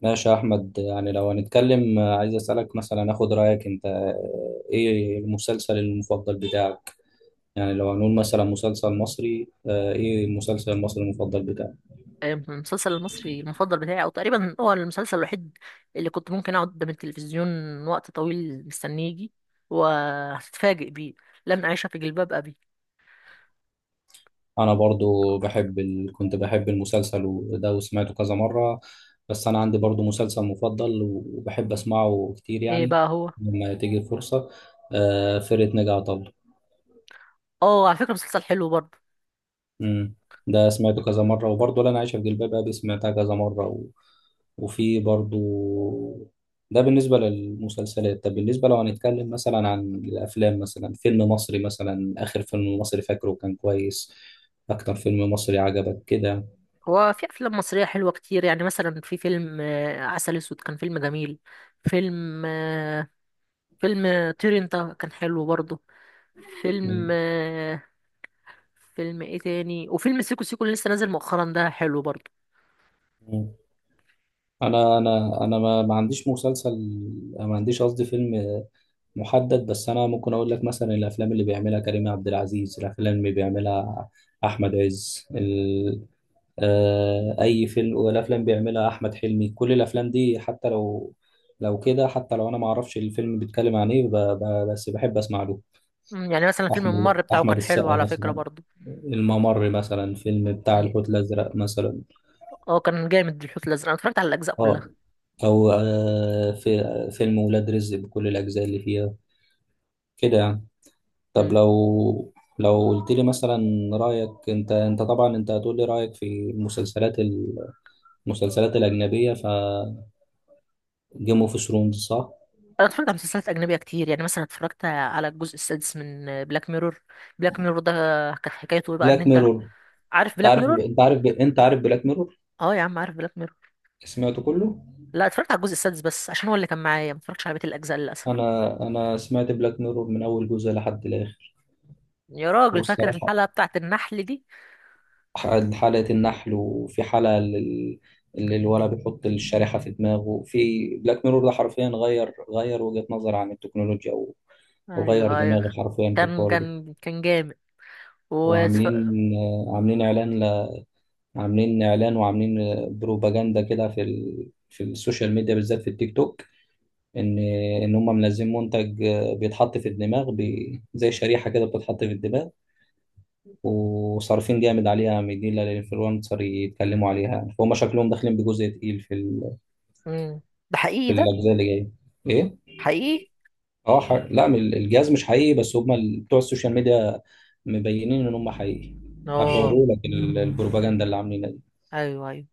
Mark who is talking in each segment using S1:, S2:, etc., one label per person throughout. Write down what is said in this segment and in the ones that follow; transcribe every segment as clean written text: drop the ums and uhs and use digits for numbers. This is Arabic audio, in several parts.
S1: ماشي يا أحمد. يعني لو هنتكلم، عايز أسألك مثلا أخد رأيك أنت، إيه المسلسل المفضل بتاعك؟ يعني لو هنقول مثلا مسلسل مصري، إيه المسلسل المصري المفضل بتاعك؟
S2: المسلسل المصري المفضل بتاعي او تقريبا هو المسلسل الوحيد اللي كنت ممكن اقعد قدام التلفزيون وقت طويل مستنيه يجي وهتتفاجئ بيه، لن اعيش في جلباب ابي.
S1: أنا برضو بحب كنت بحب المسلسل وده وسمعته كذا مرة. بس أنا عندي برضو مسلسل مفضل وبحب أسمعه كتير
S2: ايه
S1: يعني
S2: بقى هو؟
S1: لما تيجي فرصة. فرقة ناجي عطا الله.
S2: اه، على فكره مسلسل حلو برضه.
S1: امم ده سمعته كذا مرة، وبرضه لا أنا عايشة في جلباب أبي سمعتها كذا مرة وفي برضه. ده بالنسبة للمسلسلات. طب بالنسبة لو هنتكلم مثلا عن الأفلام، مثلا فيلم مصري، مثلا آخر فيلم مصري فاكره كان كويس، أكتر فيلم مصري عجبك كده.
S2: هو في افلام مصريه حلوه كتير، يعني مثلا في فيلم عسل اسود كان فيلم جميل. فيلم آه، فيلم طير انت كان حلو برضه. فيلم
S1: مم.
S2: آه، فيلم ايه تاني، وفيلم سيكو سيكو اللي لسه نازل مؤخرا ده حلو برضه.
S1: مم. أنا ما عنديش مسلسل، ما عنديش قصدي فيلم محدد. بس أنا ممكن أقول لك مثلا الأفلام اللي بيعملها كريم عبد العزيز، الأفلام اللي بيعملها أحمد عز، اي فيلم، والافلام بيعملها احمد حلمي. كل الافلام دي حتى لو لو كده، حتى لو انا ما اعرفش الفيلم بيتكلم عن ايه بس بحب اسمع له.
S2: يعني مثلا فيلم
S1: احمد
S2: الممر بتاعه
S1: احمد
S2: كان حلو
S1: السقا
S2: على فكرة
S1: مثلا،
S2: برضه.
S1: الممر مثلا، فيلم بتاع
S2: مم.
S1: الحوت الازرق مثلا.
S2: اه، كان جامد الحوت الازرق، انا اتفرجت على الاجزاء كلها.
S1: اه. او، في فيلم ولاد رزق بكل الاجزاء اللي فيها كده يعني. طب
S2: مم.
S1: لو قلت لي مثلا رايك انت طبعا انت هتقول لي رايك في المسلسلات المسلسلات الاجنبيه ف جيم اوف ثرونز صح.
S2: انا اتفرجت على مسلسلات اجنبيه كتير، يعني مثلا اتفرجت على الجزء السادس من بلاك ميرور. بلاك ميرور ده كانت حكايته ايه بقى؟ ان
S1: بلاك
S2: انت
S1: ميرور،
S2: عارف
S1: انت
S2: بلاك
S1: عارف
S2: ميرور؟
S1: انت عارف انت عارف بلاك ميرور.
S2: اه يا عم، عارف بلاك ميرور.
S1: سمعته كله.
S2: لا، اتفرجت على الجزء السادس بس عشان هو اللي كان معايا، ما اتفرجتش على بقيه الاجزاء للاسف.
S1: انا سمعت بلاك ميرور من اول جزء لحد الاخر.
S2: يا راجل، فاكر
S1: والصراحه
S2: الحلقه بتاعت النحل دي؟
S1: حلقه النحل، وفي حلقه اللي الولد بيحط الشريحه في دماغه في بلاك ميرور ده، حرفيا غير وجهه نظر عن التكنولوجيا وغير
S2: ايوه، ايوه،
S1: دماغي حرفيا في
S2: كان
S1: الحوار ده.
S2: كان كان جامد. واتف...
S1: وعاملين آه، عاملين اعلان عاملين اعلان، وعاملين، بروباجندا كده في في السوشيال ميديا، بالذات في التيك توك. ان ان هم منزلين منتج، بيتحط في الدماغ، زي شريحه كده بتتحط في الدماغ، وصارفين جامد عليها، مدين للانفلونسر يتكلموا عليها، فهم شكلهم داخلين بجزء تقيل في
S2: مم. ده حقيقي
S1: في
S2: ده؟
S1: الاجزاء اللي جايه. ايه.
S2: حقيقي.
S1: اه، لا، الجهاز مش حقيقي، بس هم بتوع السوشيال ميديا مبينين ان هم حقيقي.
S2: اه.
S1: هتوروا لك البروباجندا اللي عاملينها دي.
S2: ايوه، ايوه.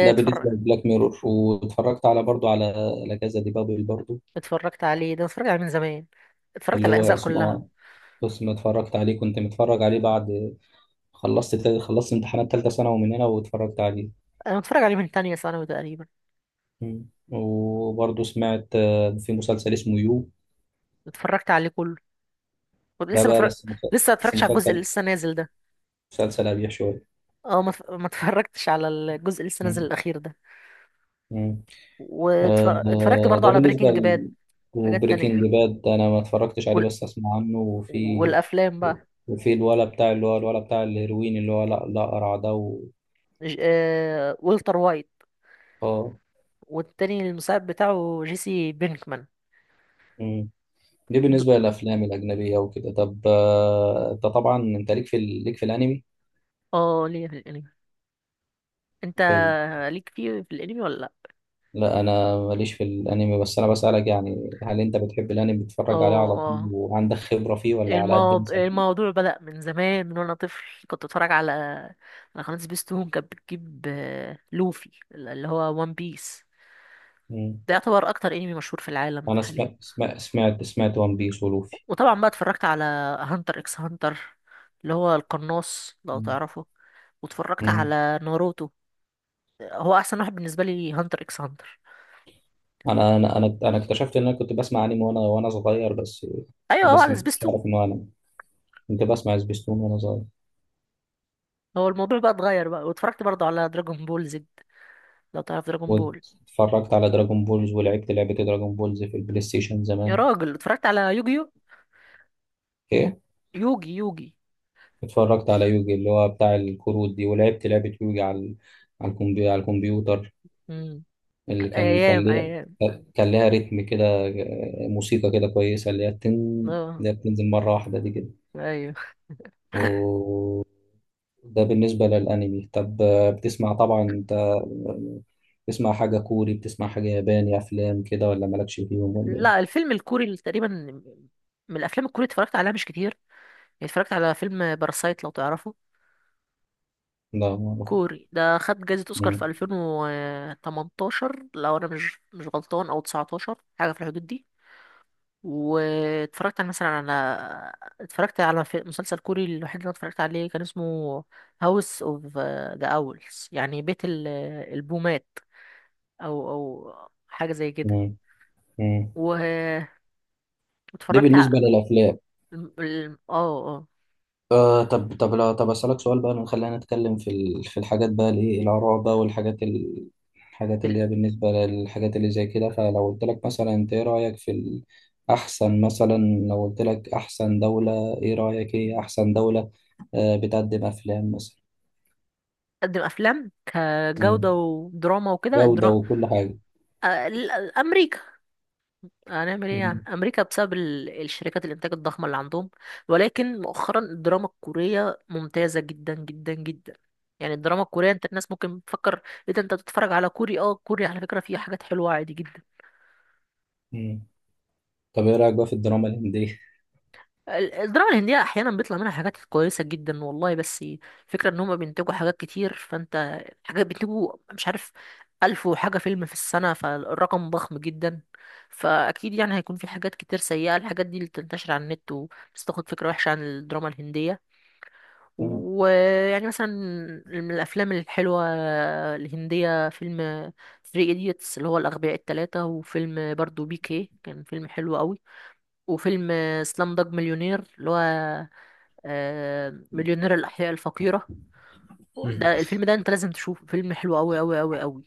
S1: ده بالنسبه لبلاك ميرور. واتفرجت على برضو على لا كازا دي بابل برضو،
S2: اتفرجت عليه ده، اتفرجت عليه من زمان، اتفرجت
S1: اللي
S2: على
S1: هو
S2: الاجزاء كلها.
S1: اسمه. بس ما اتفرجت عليه، كنت متفرج عليه بعد خلصت امتحانات تالتة ثانوي من هنا واتفرجت عليه.
S2: انا متفرج عليه من تانية ثانوي تقريبا.
S1: مم. وبرضه سمعت، في مسلسل اسمه يو،
S2: اتفرجت عليه كله، كنت
S1: ده
S2: لسه
S1: بقى
S2: متفرج.
S1: بس مس-
S2: لسه ما
S1: بس
S2: اتفرجتش على الجزء اللي
S1: مسلسل،
S2: لسه نازل ده.
S1: مسلسل أبيح شوية.
S2: اه، ما اتفرجتش على الجزء اللي لسه نازل
S1: مم.
S2: الاخير ده.
S1: مم.
S2: واتفرجت
S1: آه،
S2: برضو
S1: ده
S2: على
S1: بالنسبة
S2: بريكنج باد وحاجات تانية.
S1: وبريكنج باد أنا ما اتفرجتش عليه
S2: وال...
S1: بس أسمع عنه. وفي
S2: والافلام بقى.
S1: وفي الولا بتاع، اللي هو الولا بتاع الهيروين، اللي هو لا لا، قرع ده
S2: والتر وايت.
S1: اه.
S2: والتاني المساعد بتاعه جيسي بينكمان.
S1: مم. دي
S2: د-
S1: بالنسبة للأفلام الأجنبية وكده. طب أنت طبعا أنت ليك في ليك في الأنمي.
S2: اه، ليه في الانمي. انت
S1: حلو.
S2: ليك فيه في الانمي ولا لا؟
S1: لا انا ماليش في الانمي، بس انا بسألك يعني هل انت بتحب الانمي
S2: اه،
S1: بتتفرج عليه على طول
S2: اه،
S1: وعندك خبرة فيه ولا على قد مثلا.
S2: الموضوع بدأ من زمان، من وانا طفل، كنت اتفرج على قناة سبيستون، كانت بتجيب لوفي اللي هو وان بيس. ده يعتبر اكتر انمي مشهور في العالم
S1: انا
S2: حاليا.
S1: سمعت وان بيس ولوفي.
S2: وطبعا بقى اتفرجت على هانتر اكس هانتر اللي هو القناص لو
S1: مم.
S2: تعرفه. واتفرجت
S1: مم.
S2: على ناروتو. هو احسن واحد بالنسبة لي هانتر اكس هانتر.
S1: انا اكتشفت ان انا كنت بسمع انمي وانا صغير. بس،
S2: ايوه، هو
S1: بس
S2: على
S1: ما كنتش
S2: سبيستون.
S1: عارف انه انا كنت بسمع سبيستون وانا صغير.
S2: هو الموضوع بقى اتغير بقى، واتفرجت برضه على دراجون بول زد، لو تعرف دراجون بول.
S1: واتفرجت على دراجون بولز ولعبت لعبة دراجون بولز في البلاي ستيشن
S2: يا
S1: زمان.
S2: راجل، اتفرجت على يوجيو.
S1: ايه.
S2: يوجي، يوجي.
S1: اتفرجت على يوجي اللي هو بتاع الكروت دي، ولعبت لعبة يوجي على الكمبيوتر
S2: مم.
S1: اللي كان كان
S2: ايام،
S1: ليها
S2: ايام.
S1: كان ليها ريتم كده، موسيقى كده كويسة، اللي هي بتن،
S2: اه.
S1: اللي هي بتنزل مرة واحدة دي كده.
S2: ايوه.
S1: وده بالنسبة للأنمي. طب، بتسمع طبعا أنت، بتسمع حاجة كوري، بتسمع حاجة ياباني، أفلام كده ولا مالكش فيهم ولا إيه؟
S2: لا، الفيلم الكوري اللي تقريبا، من الافلام الكوري اتفرجت عليها مش كتير. يعني اتفرجت على فيلم باراسايت لو تعرفه.
S1: لا ما أعرف.
S2: كوري ده خد جائزة اوسكار في
S1: مم.
S2: 2018، لو انا مش غلطان، او 19، حاجة في الحدود دي. واتفرجت على مثلا، اتفرجت على في مسلسل كوري، الوحيد اللي انا اتفرجت عليه كان اسمه هاوس اوف ذا اولز، يعني بيت البومات، او حاجة زي كده.
S1: مم. مم.
S2: و-
S1: دي
S2: واتفرجت
S1: بالنسبة للأفلام.
S2: الم- الم- اه اه
S1: طب لا طب أسألك سؤال بقى. خلينا نتكلم في في الحاجات بقى، الايه، الآراء بقى، والحاجات الحاجات اللي هي
S2: ال-
S1: بالنسبة للحاجات اللي زي كده. فلو قلت لك مثلا انت ايه رأيك في أحسن مثلا، لو قلت لك أحسن دولة، ايه رأيك ايه أحسن دولة، بتقدم أفلام مثلا.
S2: بتقدم افلام كجوده
S1: مم.
S2: ودراما وكده
S1: جودة وكل حاجة.
S2: آه، ال- امريكا. هنعمل ايه،
S1: مم.
S2: يعني امريكا، بسبب الشركات الانتاج الضخمه اللي عندهم. ولكن مؤخرا الدراما الكوريه ممتازه جدا جدا جدا. يعني الدراما الكوريه، انت الناس ممكن تفكر ايه ده، انت بتتفرج على كوري؟ اه، كوري، على فكره فيه حاجات حلوه عادي جدا.
S1: مم. طب ايه رأيك بقى في الدراما الهندية؟
S2: الدراما الهندية أحيانا بيطلع منها حاجات كويسة جدا والله، بس فكرة إن هما بينتجوا حاجات كتير، فأنت حاجات بينتجوا مش عارف ألف وحاجة فيلم في السنة، فالرقم ضخم جدا. فأكيد يعني هيكون في حاجات كتير سيئة، الحاجات دي اللي بتنتشر على النت وبس، تاخد فكرة وحشة عن الدراما الهندية.
S1: مم.
S2: ويعني مثلا من الأفلام الحلوة الهندية فيلم ثري إيديتس اللي هو الأغبياء التلاتة، وفيلم برضو بي كي كان فيلم حلو قوي، وفيلم سلام دوج مليونير اللي هو مليونير الأحياء الفقيرة.
S1: مم.
S2: ده الفيلم ده انت لازم تشوفه، فيلم حلو أوي أوي أوي أوي.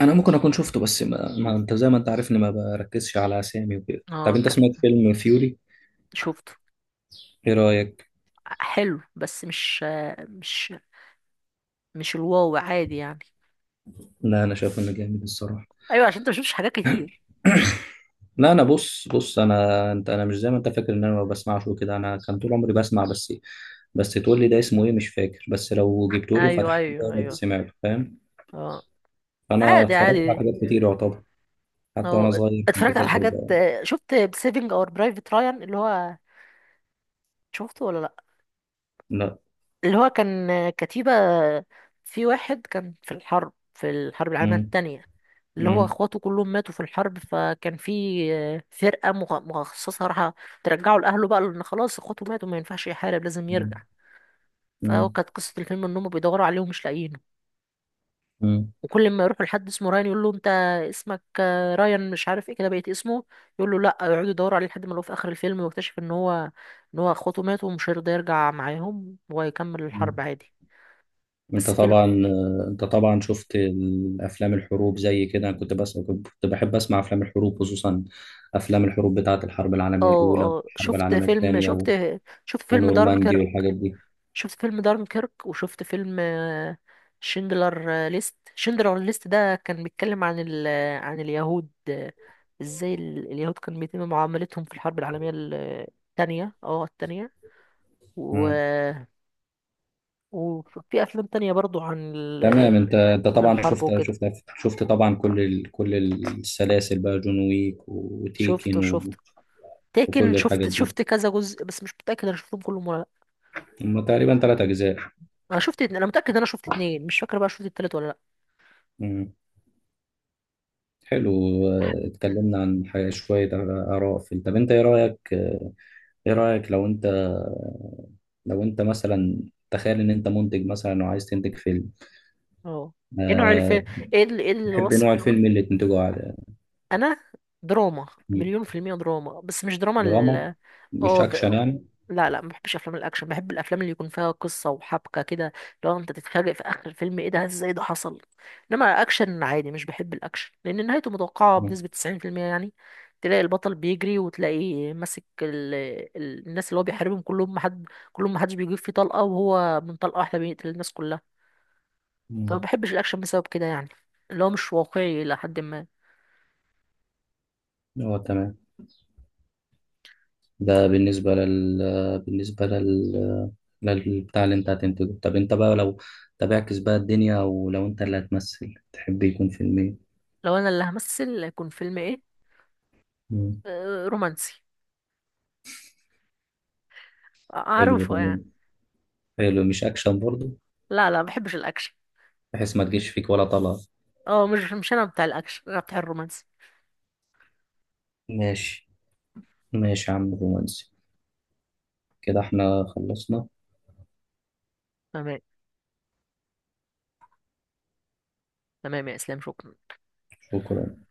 S1: انا ممكن اكون شفته، بس ما انت زي ما انت عارف اني ما بركزش على اسامي وكده.
S2: اه،
S1: طب انت سمعت فيلم فيوري؟
S2: شفته.
S1: ايه رأيك؟
S2: حلو بس مش آه، مش مش الواو عادي يعني.
S1: لا انا شايف انه جامد الصراحه.
S2: ايوه، عشان انت مشفتش حاجات كتير.
S1: لا انا بص بص، انا انت انا مش زي ما انت فاكر ان انا ما بسمعش وكده. انا كان طول عمري بسمع، بس بس تقول لي ده اسمه ايه مش فاكر. بس لو جبته لي
S2: ايوه،
S1: وفتحته ده
S2: ايوه،
S1: انا كنت
S2: ايوه.
S1: سمعته، فاهم.
S2: اه.
S1: فانا
S2: عادي،
S1: اتفرجت على
S2: عادي.
S1: حاجات كتير يعتبر، حتى وانا
S2: اه،
S1: صغير كنت
S2: اتفرجت على
S1: فاكر
S2: حاجات.
S1: بقى.
S2: شفت سيفنج اور برايفت رايان، اللي هو، شفته ولا لا؟
S1: لا.
S2: اللي هو كان كتيبة، في واحد كان في الحرب، في الحرب العالمية
S1: مم.
S2: التانية، اللي هو
S1: مم.
S2: اخواته كلهم ماتوا في الحرب، فكان في فرقة مخصصة راح ترجعه لأهله بقى، لأن خلاص اخواته ماتوا ما ينفعش يحارب، لازم يرجع.
S1: مم.
S2: فهو
S1: مم.
S2: كانت قصة الفيلم إن هم بيدوروا عليه ومش لاقيينه.
S1: مم.
S2: وكل ما يروحوا لحد اسمه رايان يقول له أنت اسمك رايان، مش عارف ايه كده، بقيت اسمه، يقول له لأ. يقعدوا يدوروا عليه لحد ما لقوه في آخر الفيلم، ويكتشف إن هو اخواته ماتوا، ومش هيرضى يرجع معاهم، ويكمل الحرب
S1: مم.
S2: عادي.
S1: انت
S2: بس فيلم.
S1: طبعا انت طبعا شفت الافلام الحروب زي كده. انا كنت بس كنت بحب اسمع افلام الحروب، خصوصا افلام الحروب بتاعه الحرب العالميه
S2: اه،
S1: الاولى
S2: اه،
S1: والحرب
S2: شفت
S1: العالميه
S2: فيلم
S1: الثانيه،
S2: شفت شفت فيلم
S1: ونورماندي
S2: دارنكر،
S1: والحاجات دي.
S2: شفت فيلم دارنكيرك. وشفت فيلم شندلر ليست ده كان بيتكلم عن ال... آه، عن اليهود، ازاي اليهود كان بيتم معاملتهم في الحرب العالمية الثانية. و...
S1: مم.
S2: وفي افلام تانية برضو عن
S1: تمام. انت
S2: عن
S1: طبعا
S2: الحرب
S1: شفت
S2: وكده.
S1: شفت شفت طبعا كل كل السلاسل بقى، جون ويك
S2: شفته،
S1: وتيكن
S2: شفته، لكن
S1: وكل الحاجات
S2: شفت
S1: دي.
S2: كذا جزء، بس مش متأكد انا شفتهم كلهم ولا لا.
S1: هم تقريبا 3 اجزاء.
S2: انا متأكد انا شفت اتنين، مش فاكر بقى شفت التالت ولا
S1: مم. حلو. اه،
S2: لا.
S1: اتكلمنا عن حاجة شوية آراء في. طب انت ايه رأيك؟ ايه رأيك لو انت، لو انت مثلا تخيل ان انت منتج مثلا وعايز تنتج فيلم.
S2: اه. ايه نوع
S1: أه...
S2: الفيلم؟ ايه ايه
S1: تحب نوع
S2: الوصف؟
S1: الفيلم اللي تنتجه على.
S2: انا دراما
S1: مم.
S2: مليون في المية، دراما، بس مش دراما
S1: دراما،
S2: ال
S1: مش
S2: اه
S1: اكشن
S2: د...
S1: يعني.
S2: لا، لا، ما بحبش افلام الاكشن، بحب الافلام اللي يكون فيها قصة وحبكة كده، لو انت تتفاجئ في اخر الفيلم ايه ده، ازاي ده حصل. انما اكشن عادي مش بحب الاكشن، لان نهايته متوقعة
S1: مم.
S2: بنسبة 90% يعني. تلاقي البطل بيجري وتلاقيه ماسك الناس اللي هو بيحاربهم، كلهم محدش بيجيب فيه طلقة، وهو من طلقة واحدة بيقتل الناس كلها. فما
S1: مم.
S2: بحبش الاكشن بسبب كده، يعني اللي هو مش واقعي الى حد ما.
S1: اه تمام. ده بالنسبة لل، بالنسبة لل، للبتاع اللي انت هتنتجه. طب انت بقى لو، طب اعكس بقى الدنيا، ولو انت اللي هتمثل تحب يكون فيلم ايه؟
S2: لو انا اللي همثل هيكون فيلم ايه؟
S1: مم.
S2: رومانسي،
S1: حلو ده.
S2: اعرفه
S1: مم.
S2: يعني.
S1: حلو مش اكشن برضو،
S2: لا، لا، ما بحبش الاكشن.
S1: بحيث ما تجيش فيك ولا طلعة.
S2: اه، مش انا بتاع الاكشن، انا بتاع الرومانسي.
S1: ماشي، ماشي يا عم، رومانسي. كده احنا خلصنا.
S2: تمام. تمام يا اسلام، شكرا.
S1: شكرا.